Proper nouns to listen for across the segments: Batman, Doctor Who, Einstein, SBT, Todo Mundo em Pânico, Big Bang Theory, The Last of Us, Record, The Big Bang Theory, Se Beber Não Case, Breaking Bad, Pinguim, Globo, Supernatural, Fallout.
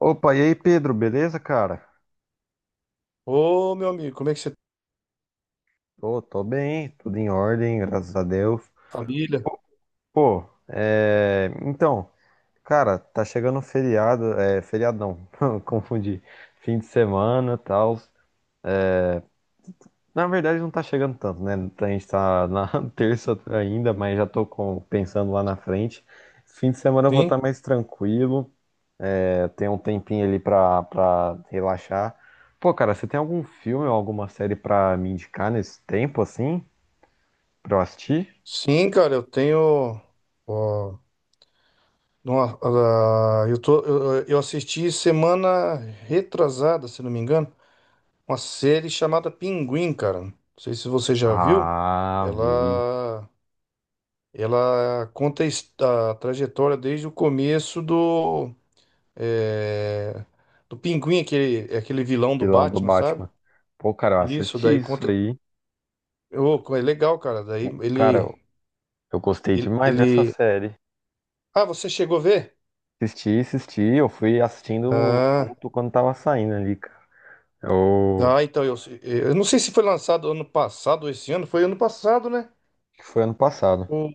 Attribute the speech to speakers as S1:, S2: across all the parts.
S1: Opa, e aí, Pedro, beleza, cara?
S2: Ô, meu amigo, como é que você tá?
S1: Pô, tô bem, tudo em ordem, graças a Deus.
S2: Família?
S1: Pô, então, cara, tá chegando o feriado, feriado não, confundi, fim de semana, tal. Na verdade, não tá chegando tanto, né? A gente tá na terça ainda, mas já pensando lá na frente. Fim de semana eu vou estar
S2: Sim,
S1: mais tranquilo, tem um tempinho ali pra relaxar. Pô, cara, você tem algum filme ou alguma série pra me indicar nesse tempo, assim, pra eu assistir?
S2: sim, cara, eu tenho. Ó, uma- eu assisti semana retrasada, se não me engano, uma série chamada Pinguim, cara. Não sei se você já viu.
S1: Ah, vi.
S2: Ela, ela conta a a trajetória desde o começo do, é, do Pinguim, aquele vilão do
S1: Vilão do
S2: Batman, sabe?
S1: Batman. Pô, cara, eu
S2: Isso,
S1: assisti
S2: daí
S1: isso
S2: conta.
S1: aí.
S2: Ô, é legal, cara. Daí
S1: Pô, cara,
S2: ele.
S1: eu gostei
S2: Ele,
S1: demais dessa
S2: ele
S1: série.
S2: ah, você chegou a ver?
S1: Assisti, assisti. Eu fui assistindo
S2: Ah,
S1: junto quando tava saindo ali, cara. Acho
S2: ah, então eu não sei se foi lançado ano passado ou esse ano. Foi ano passado, né?
S1: que foi ano passado.
S2: O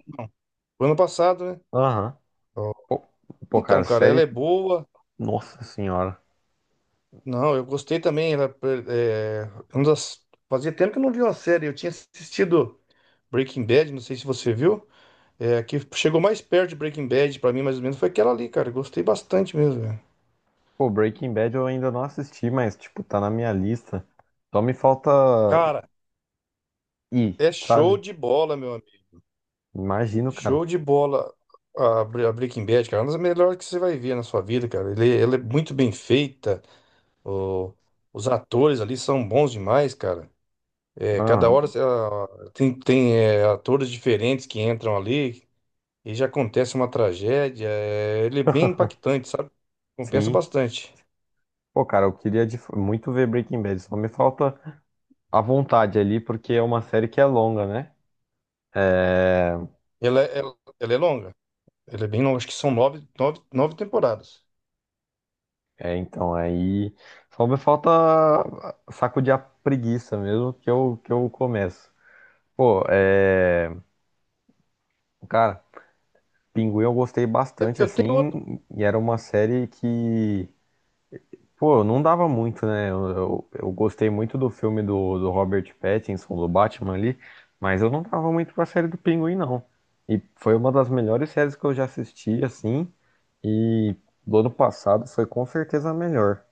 S2: foi ano passado, né?
S1: Aham.
S2: Ó.
S1: Pô, pô, cara,
S2: Então, cara, ela
S1: série.
S2: é boa.
S1: Nossa senhora.
S2: Não, eu gostei também. Ela, uma fazia tempo que eu não vi uma série. Eu tinha assistido Breaking Bad, não sei se você viu. É, a que chegou mais perto de Breaking Bad pra mim, mais ou menos, foi aquela ali, cara. Eu gostei bastante mesmo, velho.
S1: Pô, Breaking Bad eu ainda não assisti, mas, tipo, tá na minha lista. Só me falta
S2: Cara,
S1: ir,
S2: é show
S1: sabe?
S2: de bola, meu amigo.
S1: Imagino, cara.
S2: Show de bola a Breaking Bad, cara. É uma das melhores que você vai ver na sua vida, cara. Ela é muito bem feita. o- os atores ali são bons demais, cara. É, cada
S1: Aham.
S2: hora ah, tem é, atores diferentes que entram ali e já acontece uma tragédia. É, ele é bem impactante, sabe? Compensa
S1: Sim.
S2: bastante.
S1: Pô, cara, eu queria muito ver Breaking Bad. Só me falta à vontade ali, porque é uma série que é longa, né? É,
S2: Ela é longa. Ela é bem longa. Acho que são nove temporadas.
S1: então, aí só me falta sacudir a preguiça mesmo que eu começo. Pô, é, cara, Pinguim eu gostei bastante,
S2: Eu tenho
S1: assim, e era uma série que, pô, não dava muito, né? Eu gostei muito do filme do Robert Pattinson, do Batman ali, mas eu não dava muito pra série do Pinguim, não. E foi uma das melhores séries que eu já assisti, assim, e do ano passado foi com certeza a melhor.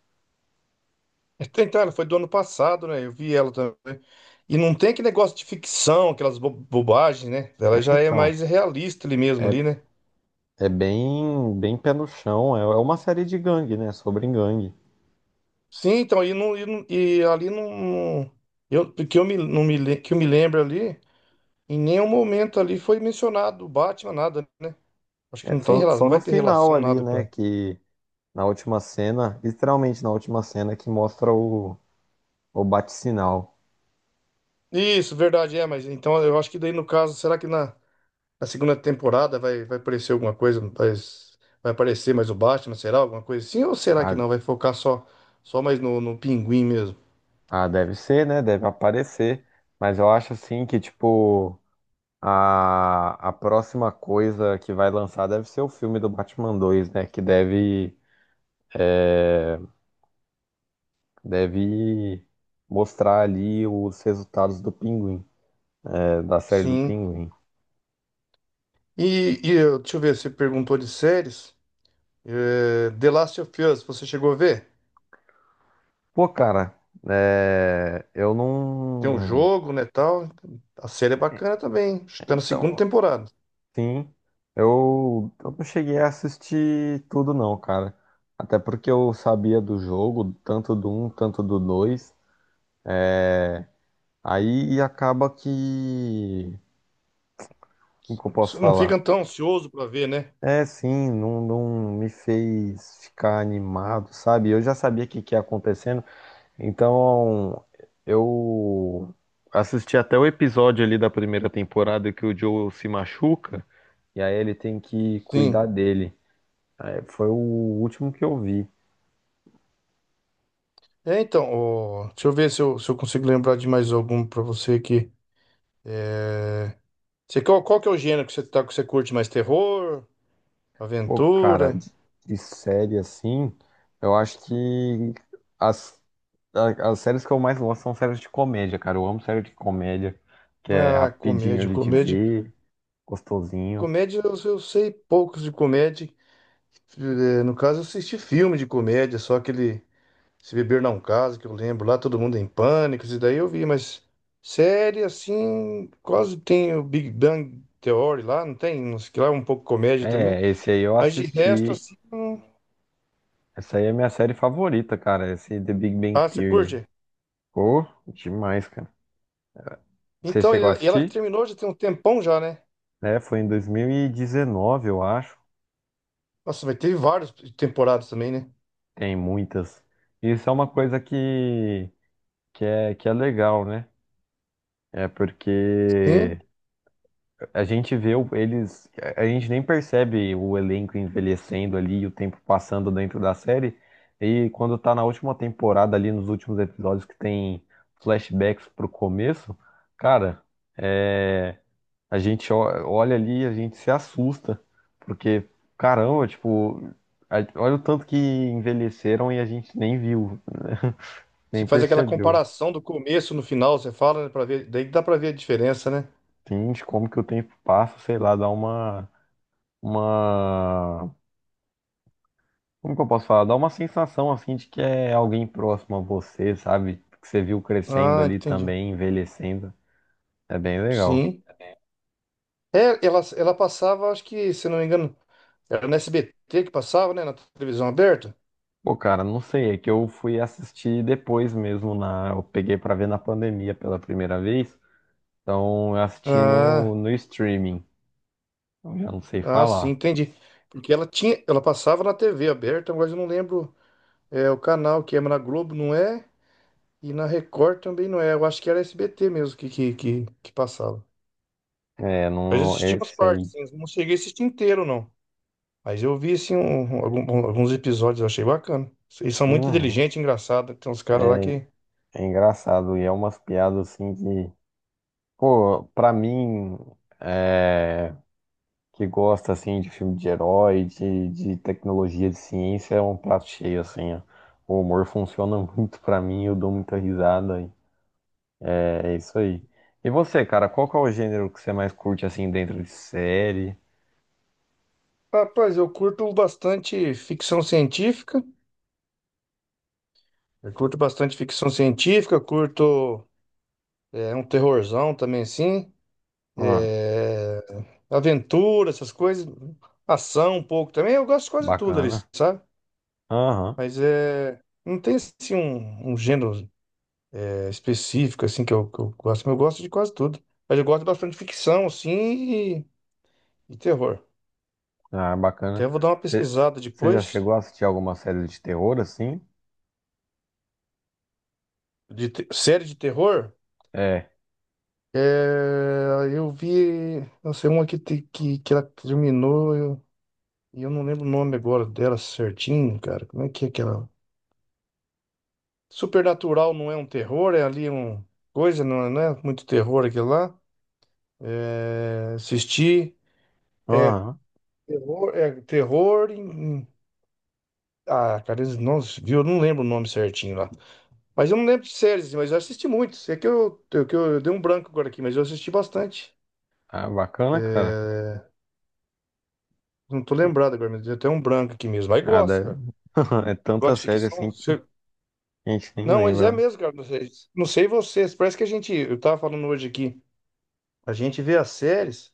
S2: É, então, ela foi do ano passado, né? Eu vi ela também. E não tem aquele negócio de ficção, aquelas bobagens, né?
S1: É,
S2: Ela já é
S1: então,
S2: mais realista ali mesmo,
S1: é,
S2: ali, né?
S1: é bem, bem pé no chão. É, é uma série de gangue, né? Sobre gangue.
S2: Sim, então, e ali não. Eu, porque eu me, não me, le- que eu me lembro ali, em nenhum momento ali foi mencionado o Batman, nada, né? Acho que
S1: É
S2: não tem relação,
S1: só
S2: não
S1: no
S2: vai ter
S1: final
S2: relação
S1: ali,
S2: nada com
S1: né?
S2: ela.
S1: Que na última cena, literalmente na última cena, que mostra o bate-sinal.
S2: Isso, verdade, é, mas então eu acho que daí no caso, será que na. Na segunda temporada vai aparecer alguma coisa, vai aparecer mais o Batman, será? Alguma coisa assim? Ou será que
S1: Ah,
S2: não? Vai focar só, só mais no, no Pinguim mesmo?
S1: ah, deve ser, né? Deve aparecer. Mas eu acho assim que, tipo, a próxima coisa que vai lançar deve ser o filme do Batman 2, né? Que deve mostrar ali os resultados do Pinguim, é, da série do
S2: Sim.
S1: Pinguim.
S2: Deixa eu ver, você perguntou de séries. É, The Last of Us, você chegou a ver?
S1: Pô, cara, é, eu
S2: Tem um
S1: não.
S2: jogo, né, tal. A série é bacana também, hein? Acho que tá na segunda
S1: Então,
S2: temporada.
S1: sim, eu não cheguei a assistir tudo, não, cara. Até porque eu sabia do jogo, tanto do um tanto do dois. Aí acaba que. Como que eu
S2: Você
S1: posso
S2: não
S1: falar?
S2: fica tão ansioso pra ver, né?
S1: É, sim, não, não me fez ficar animado, sabe? Eu já sabia que ia acontecer. Então, eu assisti até o episódio ali da primeira temporada que o Joel se machuca e aí ele tem que
S2: Sim.
S1: cuidar dele. É, foi o último que eu vi.
S2: É, então, ó, deixa eu ver se eu consigo lembrar de mais algum pra você aqui. É, você, qual que é o gênero que você, tá, que você curte mais? Terror?
S1: Pô, cara,
S2: Aventura?
S1: de série assim, eu acho que as, as séries que eu mais gosto são séries de comédia, cara. Eu amo série de comédia, que é
S2: Ah,
S1: rapidinho
S2: comédia,
S1: ali de
S2: comédia.
S1: ver, gostosinho.
S2: Comédia, eu sei poucos de comédia. Eh, no caso, eu assisti filme de comédia, só aquele Se Beber Não Case, que eu lembro lá, Todo Mundo em Pânico, isso daí eu vi, mas série, assim, quase tem o Big Bang Theory lá, não tem? Não sei que lá, é um pouco comédia também.
S1: É, esse aí eu
S2: Mas de resto,
S1: assisti.
S2: assim, não...
S1: Essa aí é a minha série favorita, cara. Esse The Big Bang
S2: Ah, você
S1: Theory.
S2: curte?
S1: Pô, demais, cara. Você
S2: Então, e
S1: chegou a
S2: ela
S1: assistir?
S2: terminou já tem um tempão já, né?
S1: É, foi em 2019, eu acho.
S2: Nossa, mas teve várias temporadas também, né?
S1: Tem muitas. Isso é uma coisa que, que é legal, né? É
S2: Sim,
S1: porque a gente vê o- eles... a gente nem percebe o elenco envelhecendo ali, e o tempo passando dentro da série. E quando tá na última temporada ali, nos últimos episódios que tem flashbacks pro começo, cara. é, A gente olha ali, a gente se assusta, porque caramba, tipo, olha o tanto que envelheceram e a gente nem viu,
S2: você
S1: nem
S2: faz aquela
S1: percebeu.
S2: comparação do começo no final, você fala, né, para ver, daí dá pra ver a diferença, né?
S1: Entende como que o tempo passa, sei lá, dá uma, como que eu posso falar? Dá uma sensação assim de que é alguém próximo a você, sabe? Que você viu crescendo
S2: Ah,
S1: ali
S2: entendi.
S1: também, envelhecendo. É bem legal.
S2: Sim. É, ela passava, acho que, se não me engano, era no SBT que passava, né, na televisão aberta?
S1: Pô, cara, não sei, é que eu fui assistir depois mesmo na, eu peguei pra ver na pandemia pela primeira vez. Então eu assisti
S2: Ah,
S1: no streaming. Eu já não sei
S2: ah, sim,
S1: falar.
S2: entendi. Porque ela tinha, ela passava na TV aberta, mas eu não lembro, é, o canal que é, mas na Globo não é, e na Record também não é. Eu acho que era SBT mesmo que passava.
S1: É,
S2: Mas eu
S1: não,
S2: assisti umas
S1: esse
S2: partes,
S1: aí.
S2: sim, não cheguei a assistir inteiro, não. Mas eu vi assim alguns episódios, eu achei bacana. Eles são muito
S1: Uhum.
S2: inteligentes, engraçados. Tem uns caras lá
S1: É,
S2: que.
S1: é engraçado. E é umas piadas assim que... Pô, pra mim, é, que gosta assim de filme de herói, de tecnologia, de ciência, é um prato cheio, assim, ó. O humor funciona muito pra mim, eu dou muita risada. E É isso aí. E você, cara, qual que é o gênero que você mais curte assim dentro de série?
S2: Rapaz, eu curto bastante ficção científica. Eu curto bastante ficção científica, eu curto é, um terrorzão também, assim.
S1: Ah,
S2: É, aventura, essas coisas. Ação um pouco também. Eu gosto de quase tudo ali,
S1: bacana.
S2: sabe?
S1: Aham.
S2: Mas é. Não tem assim um gênero é, específico assim que eu gosto, mas eu gosto de quase tudo. Mas eu gosto bastante de ficção, assim, e terror.
S1: Ah, bacana.
S2: Até vou dar uma
S1: Você
S2: pesquisada
S1: já
S2: depois.
S1: chegou a assistir alguma série de terror assim?
S2: De série de terror?
S1: É.
S2: É, eu vi, não sei, uma que ela terminou, eu não lembro o nome agora dela certinho, cara. Como é que é aquela? Supernatural não é um terror, é ali um coisa, não é, não é muito terror aquilo lá. É, assisti. É
S1: Aham.
S2: é terror em. Ah, cara, nossa, viu? Eu não lembro o nome certinho lá. Mas eu não lembro de séries, mas eu assisti muitos. É que eu dei um branco agora aqui, mas eu assisti bastante.
S1: Ah, bacana, cara.
S2: É, não tô lembrado agora, mas deu até um branco aqui mesmo. Mas
S1: Ah,
S2: gosto,
S1: deve-
S2: cara.
S1: É tanta
S2: Gosto de
S1: série
S2: ficção.
S1: assim que a gente nem
S2: Não, mas é
S1: lembra, né?
S2: mesmo, cara. Não sei, não sei vocês. Parece que a gente. Eu tava falando hoje aqui. A gente vê as séries,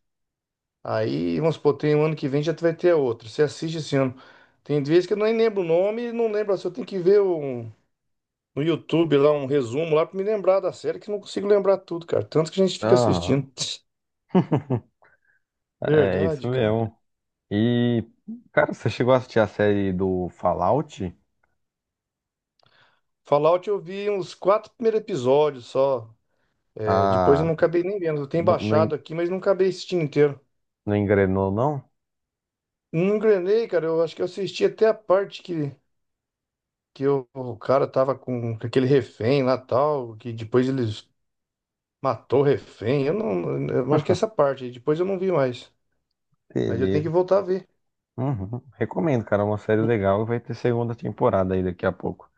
S2: aí, vamos supor, tem um ano que vem já vai ter a outra. Você assiste esse ano. Tem vezes que eu nem lembro o nome, não lembro assim. Eu tenho que ver um, no YouTube lá um resumo lá pra me lembrar da série, que eu não consigo lembrar tudo, cara. Tanto que a gente fica
S1: Aham.
S2: assistindo.
S1: É isso
S2: Verdade, cara.
S1: mesmo. E, cara, você chegou a assistir a série do Fallout?
S2: Fallout eu vi uns quatro primeiros episódios só. É, depois eu não
S1: Ah,
S2: acabei nem vendo. Eu tenho
S1: não, não,
S2: baixado
S1: en-
S2: aqui, mas não acabei assistindo inteiro.
S1: não engrenou, não?
S2: Não engrenei, cara. Eu acho que eu assisti até a parte que o cara tava com aquele refém lá tal, que depois eles matou o refém. Eu não, eu acho que é essa parte aí. Depois eu não vi mais. Mas eu tenho que
S1: Beleza.
S2: voltar a ver.
S1: Uhum. Recomendo, cara. É uma série legal e vai ter segunda temporada aí daqui a pouco.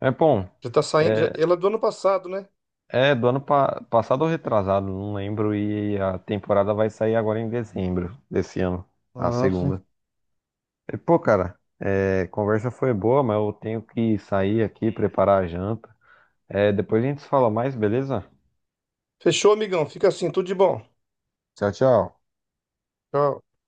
S1: É bom.
S2: Já tá saindo.
S1: é,
S2: Ela é do ano passado, né?
S1: É, do ano passado ou retrasado, não lembro. E a temporada vai sair agora em dezembro desse ano, a
S2: Ah, sim.
S1: segunda. E, pô, cara, é, conversa foi boa, mas eu tenho que sair aqui, preparar a janta. É, depois a gente se fala mais, beleza?
S2: Fechou, amigão. Fica assim, tudo de bom.
S1: Tchau, tchau.
S2: Tchau.